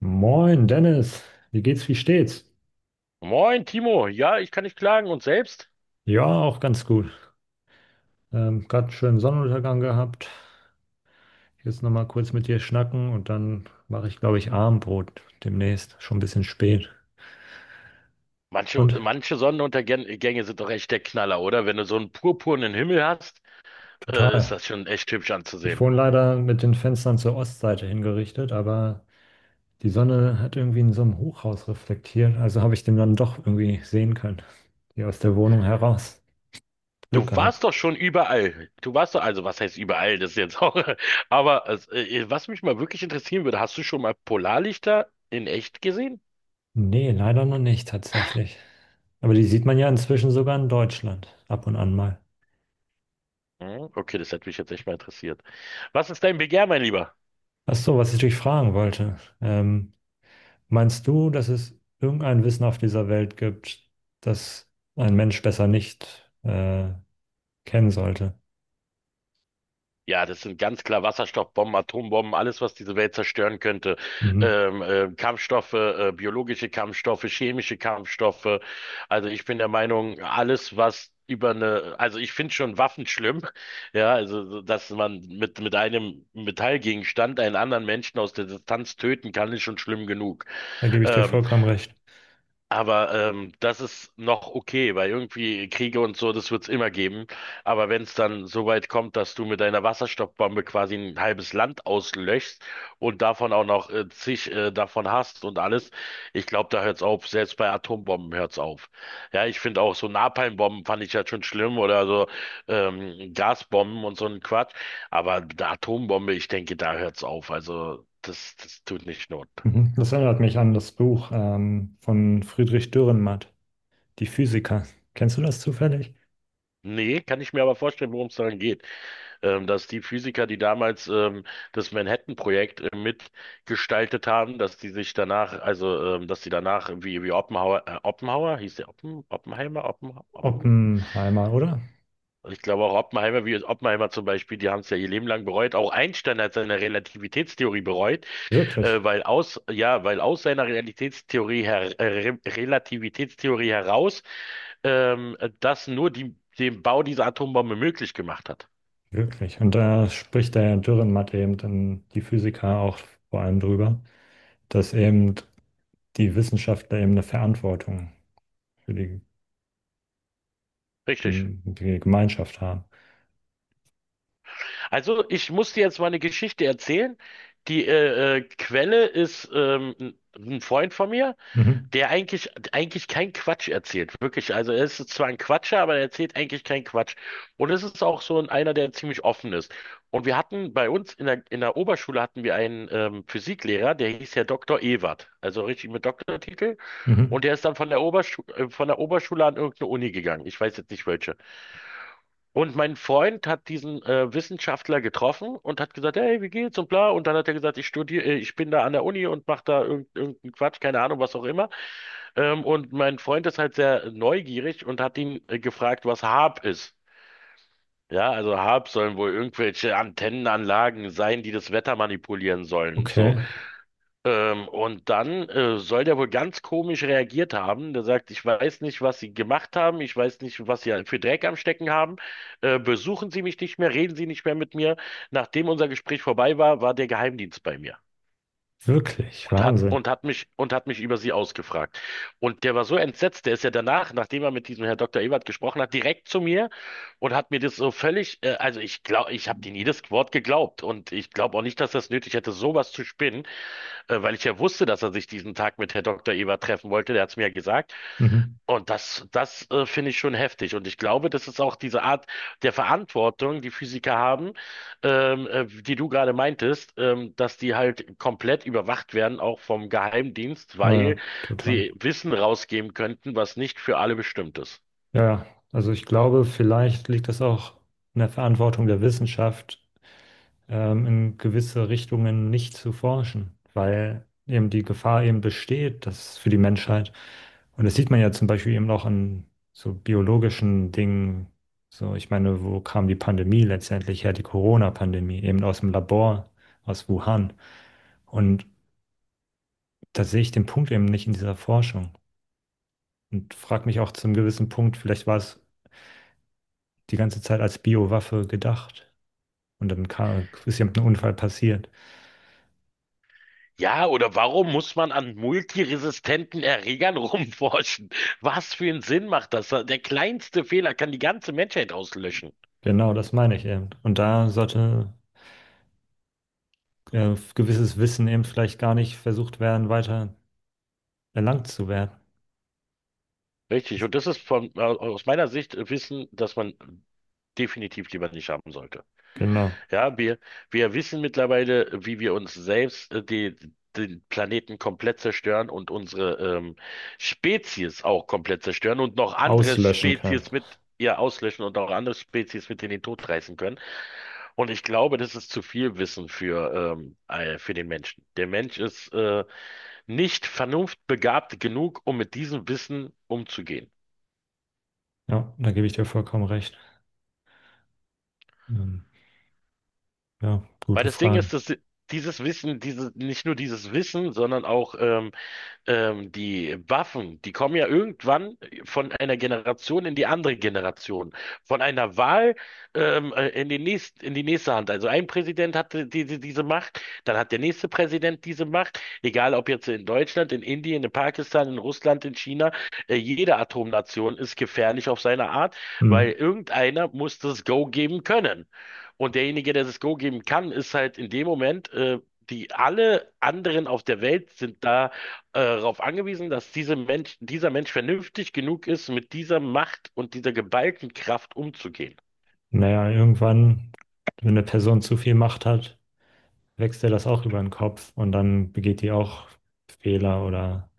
Moin Dennis, wie geht's, wie steht's? Moin, Timo. Ja, ich kann nicht klagen. Und selbst? Ja, auch ganz gut. Gerade einen schönen Sonnenuntergang gehabt. Jetzt nochmal kurz mit dir schnacken und dann mache ich, glaube ich, Abendbrot demnächst. Schon ein bisschen spät. Manche, Und manche Sonnenuntergänge sind doch echt der Knaller, oder? Wenn du so einen purpurnen Himmel hast, ist total. das schon echt hübsch Ich anzusehen. wohne leider mit den Fenstern zur Ostseite hingerichtet, aber die Sonne hat irgendwie in so einem Hochhaus reflektiert. Also habe ich den dann doch irgendwie sehen können. Hier aus der Wohnung heraus. Du Glück gehabt. warst doch schon überall. Du warst doch, also was heißt überall, das ist jetzt auch. Aber was mich mal wirklich interessieren würde, hast du schon mal Polarlichter in echt gesehen? Nee, leider noch nicht tatsächlich. Aber die sieht man ja inzwischen sogar in Deutschland ab und an mal. Hm, okay, das hätte mich jetzt echt mal interessiert. Was ist dein Begehr, mein Lieber? Ach so, was ich dich fragen wollte. Meinst du, dass es irgendein Wissen auf dieser Welt gibt, das ein Mensch besser nicht kennen sollte? Ja, das sind ganz klar Wasserstoffbomben, Atombomben, alles, was diese Welt zerstören könnte. Mhm. Kampfstoffe, biologische Kampfstoffe, chemische Kampfstoffe. Also ich bin der Meinung, alles, was über eine, also ich finde schon Waffen schlimm, ja, also so, dass man mit einem Metallgegenstand einen anderen Menschen aus der Distanz töten kann, ist schon schlimm genug. Da gebe ich dir Ähm, vollkommen recht. aber das ist noch okay, weil irgendwie Kriege und so, das wird's immer geben. Aber wenn es dann so weit kommt, dass du mit deiner Wasserstoffbombe quasi ein halbes Land auslöschst und davon auch noch zig davon hast und alles, ich glaube, da hört's auf. Selbst bei Atombomben hört's auf. Ja, ich finde auch so Napalmbomben fand ich ja schon schlimm oder so Gasbomben und so ein Quatsch. Aber die Atombombe, ich denke, da hört's auf. Also das tut nicht Not. Mhm. Das erinnert mich an das Buch von Friedrich Dürrenmatt, Die Physiker. Kennst du das zufällig? Nee, kann ich mir aber vorstellen, worum es daran geht. Dass die Physiker, die damals das Manhattan-Projekt mitgestaltet haben, dass die sich danach, also dass die danach wie Oppenhauer, Oppenhauer, hieß der Oppen, Oppenheimer, Oppen, Oppen? Oppenheimer, oder? Ich glaube auch Oppenheimer, wie Oppenheimer zum Beispiel, die haben es ja ihr Leben lang bereut. Auch Einstein hat seine Relativitätstheorie bereut, Wirklich. weil aus, ja, weil aus seiner Realitätstheorie her, Re Relativitätstheorie heraus das nur die, den Bau dieser Atombombe möglich gemacht hat. Wirklich. Und da spricht der Dürrenmatt eben dann die Physiker auch vor allem drüber, dass eben die Wissenschaftler eben eine Verantwortung für die, Richtig. Die Gemeinschaft haben. Also, ich muss dir jetzt mal eine Geschichte erzählen. Die Quelle ist ein Freund von mir, Mhm. der eigentlich keinen Quatsch erzählt. Wirklich. Also, er ist zwar ein Quatscher, aber er erzählt eigentlich keinen Quatsch. Und es ist auch so einer, der ziemlich offen ist. Und wir hatten bei uns in der Oberschule hatten wir einen Physiklehrer, der hieß ja Doktor Ewert, also richtig mit Doktortitel. Mhm. Und der ist dann von der Oberschule, an irgendeine Uni gegangen. Ich weiß jetzt nicht welche. Und mein Freund hat diesen Wissenschaftler getroffen und hat gesagt, hey, wie geht's und bla. Und dann hat er gesagt, ich studiere, ich bin da an der Uni und mache da irgendeinen Quatsch, keine Ahnung, was auch immer. Und mein Freund ist halt sehr neugierig und hat ihn gefragt, was HAAP ist. Ja, also HAAP sollen wohl irgendwelche Antennenanlagen sein, die das Wetter manipulieren sollen und so. Okay. Und dann soll der wohl ganz komisch reagiert haben. Der sagt, ich weiß nicht, was Sie gemacht haben, ich weiß nicht, was Sie für Dreck am Stecken haben. Besuchen Sie mich nicht mehr, reden Sie nicht mehr mit mir. Nachdem unser Gespräch vorbei war, war der Geheimdienst bei mir Wirklich. und Wahnsinn. Hat mich über Sie ausgefragt. Und der war so entsetzt, der ist ja danach, nachdem er mit diesem Herr Dr. Ebert gesprochen hat, direkt zu mir und hat mir das so völlig, also ich glaube, ich habe denen jedes Wort geglaubt und ich glaube auch nicht, dass das nötig hätte, sowas zu spinnen weil ich ja wusste, dass er sich diesen Tag mit Herr Doktor Eber treffen wollte. Der hat es mir ja gesagt. Mhm. Und das finde ich schon heftig. Und ich glaube, das ist auch diese Art der Verantwortung, die Physiker haben, die du gerade meintest, dass die halt komplett überwacht werden, auch vom Geheimdienst, weil Naja, sie total. Wissen rausgeben könnten, was nicht für alle bestimmt ist. Ja, also ich glaube, vielleicht liegt das auch in der Verantwortung der Wissenschaft, in gewisse Richtungen nicht zu forschen, weil eben die Gefahr eben besteht, dass für die Menschheit, und das sieht man ja zum Beispiel eben auch an so biologischen Dingen, so ich meine, wo kam die Pandemie letztendlich her, die Corona-Pandemie, eben aus dem Labor, aus Wuhan. Und da sehe ich den Punkt eben nicht in dieser Forschung und frage mich auch zum gewissen Punkt, vielleicht war es die ganze Zeit als Biowaffe gedacht. Und dann kam, ist eben ein Unfall passiert. Ja, oder warum muss man an multiresistenten Erregern rumforschen? Was für einen Sinn macht das? Der kleinste Fehler kann die ganze Menschheit auslöschen. Genau, das meine ich eben. Und da sollte gewisses Wissen eben vielleicht gar nicht versucht werden, weiter erlangt zu werden. Richtig, und das ist von, aus meiner Sicht Wissen, das man definitiv lieber nicht haben sollte. Genau. Ja, wir wissen mittlerweile, wie wir uns selbst den Planeten komplett zerstören und unsere Spezies auch komplett zerstören und noch andere Auslöschen kann. Spezies mit ihr auslöschen und auch andere Spezies mit in den Tod reißen können. Und ich glaube, das ist zu viel Wissen für den Menschen. Der Mensch ist nicht vernunftbegabt genug, um mit diesem Wissen umzugehen. Ja, da gebe ich dir vollkommen recht. Ähm, ja, Weil gute das Ding Frage. ist, dass dieses Wissen, diese, nicht nur dieses Wissen, sondern auch die Waffen, die kommen ja irgendwann von einer Generation in die andere Generation, von einer Wahl in die nächste Hand. Also ein Präsident hatte diese Macht, dann hat der nächste Präsident diese Macht, egal ob jetzt in Deutschland, in Indien, in Pakistan, in Russland, in China, jede Atomnation ist gefährlich auf seine Art, weil Hm. irgendeiner muss das Go geben können. Und derjenige, der das Go geben kann, ist halt in dem Moment, die alle anderen auf der Welt sind da darauf angewiesen, dass dieser Mensch vernünftig genug ist, mit dieser Macht und dieser geballten Kraft umzugehen. Naja, irgendwann, wenn eine Person zu viel Macht hat, wächst ihr das auch über den Kopf und dann begeht die auch Fehler oder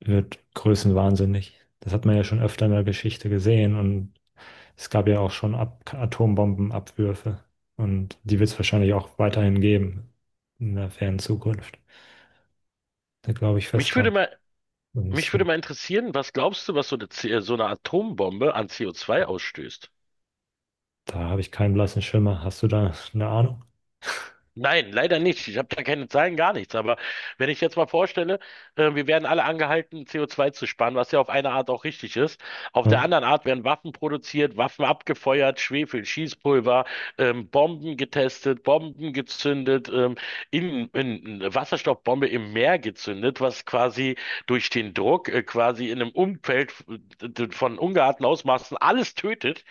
wird größenwahnsinnig. Das hat man ja schon öfter in der Geschichte gesehen und es gab ja auch schon Ab Atombombenabwürfe und die wird es wahrscheinlich auch weiterhin geben in der fernen Zukunft. Da glaube ich Mich fest würde dran. mal, Und mich würde mal interessieren, was glaubst du, was so so eine Atombombe an CO2 ausstößt? da habe ich keinen blassen Schimmer. Hast du da eine Ahnung? Nein, leider nicht. Ich habe da keine Zahlen, gar nichts. Aber wenn ich jetzt mal vorstelle, wir werden alle angehalten, CO2 zu sparen, was ja auf eine Art auch richtig ist. Auf der Ja, anderen Art werden Waffen produziert, Waffen abgefeuert, Schwefel, Schießpulver, Bomben getestet, Bomben gezündet, eine Wasserstoffbombe im Meer gezündet, was quasi durch den Druck, quasi in einem Umfeld von ungeahnten Ausmaßen alles tötet,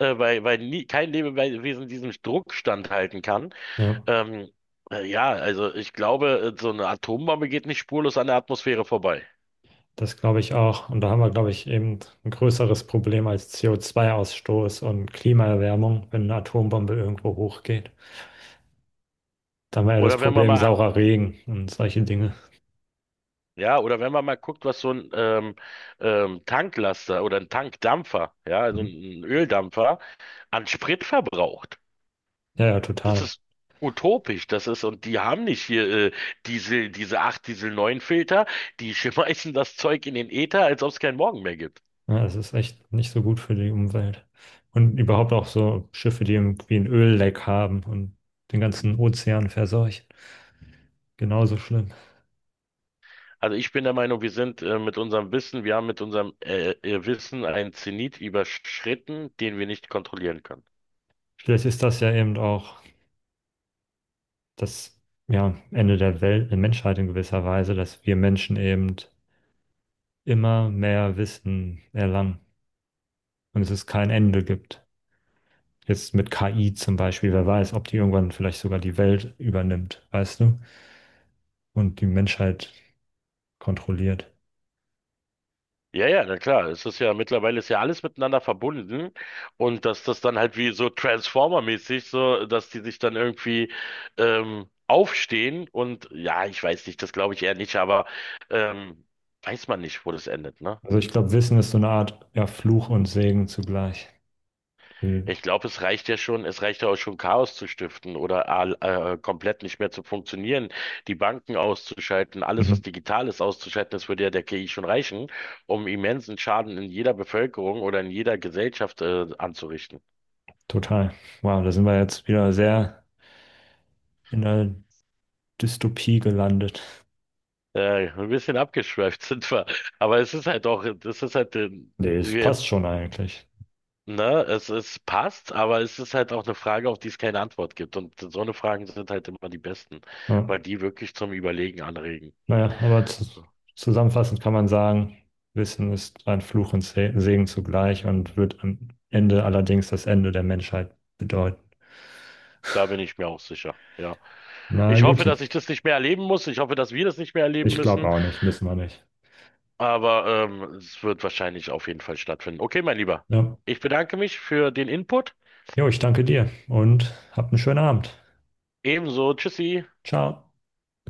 weil nie, kein Lebewesen diesen Druck standhalten kann. ja, Ähm, ja, also ich glaube, so eine Atombombe geht nicht spurlos an der Atmosphäre vorbei. das glaube ich auch. Und da haben wir, glaube ich, eben ein größeres Problem als CO2-Ausstoß und Klimaerwärmung, wenn eine Atombombe irgendwo hochgeht. Da haben wir ja das Oder wenn man Problem mal, saurer Regen und solche Dinge. ja, oder wenn man mal guckt, was so ein Tanklaster oder ein Tankdampfer, ja, also Mhm. ein Öldampfer an Sprit verbraucht. Ja, ja, Das total. ist utopisch, und die haben nicht hier Diesel, diese 8 Diesel 9 Filter, die schmeißen das Zeug in den Äther, als ob es keinen Morgen mehr gibt. Ja, es ist echt nicht so gut für die Umwelt. Und überhaupt auch so Schiffe, die irgendwie ein Ölleck haben und den ganzen Ozean verseuchen. Genauso schlimm. Also ich bin der Meinung, wir sind mit unserem Wissen, wir haben mit unserem Wissen einen Zenit überschritten, den wir nicht kontrollieren können. Vielleicht ist das ja eben auch das, ja, Ende der Welt, der Menschheit in gewisser Weise, dass wir Menschen eben immer mehr Wissen erlangen und es ist kein Ende gibt. Jetzt mit KI zum Beispiel, wer weiß, ob die irgendwann vielleicht sogar die Welt übernimmt, weißt du, und die Menschheit kontrolliert. Ja, ja, na klar. Es ist ja mittlerweile ist ja alles miteinander verbunden und dass das dann halt wie so Transformer-mäßig so, dass die sich dann irgendwie aufstehen und ja, ich weiß nicht, das glaube ich eher nicht, aber ähm, weiß man nicht, wo das endet, ne? Also ich glaube, Wissen ist so eine Art, ja, Fluch und Segen zugleich. Mhm. Ich glaube, es reicht ja auch schon, Chaos zu stiften oder komplett nicht mehr zu funktionieren, die Banken auszuschalten, alles, was Mhm. digital ist, auszuschalten, das würde ja der KI schon reichen, um immensen Schaden in jeder Bevölkerung oder in jeder Gesellschaft anzurichten. Total. Wow, da sind wir jetzt wieder sehr in der Dystopie gelandet. Ein bisschen abgeschweift sind wir, aber es ist halt auch, das ist halt, Nee, es wir, passt schon eigentlich. ne, es passt, aber es ist halt auch eine Frage, auf die es keine Antwort gibt. Und so eine Fragen sind halt immer die besten, Ja. weil die wirklich zum Überlegen anregen. Naja, aber zu, So. zusammenfassend kann man sagen, Wissen ist ein Fluch und Segen zugleich und wird am Ende allerdings das Ende der Menschheit bedeuten. Da bin ich mir auch sicher. Ja. Na, Ich hoffe, Juti, dass ich das nicht mehr erleben muss. Ich hoffe, dass wir das nicht mehr erleben ich glaube müssen. auch nicht, müssen wir nicht. Aber es wird wahrscheinlich auf jeden Fall stattfinden. Okay, mein Lieber. Ja. Ich bedanke mich für den Input. Jo, ich danke dir und habt einen schönen Abend. Ebenso. Tschüssi. Ciao.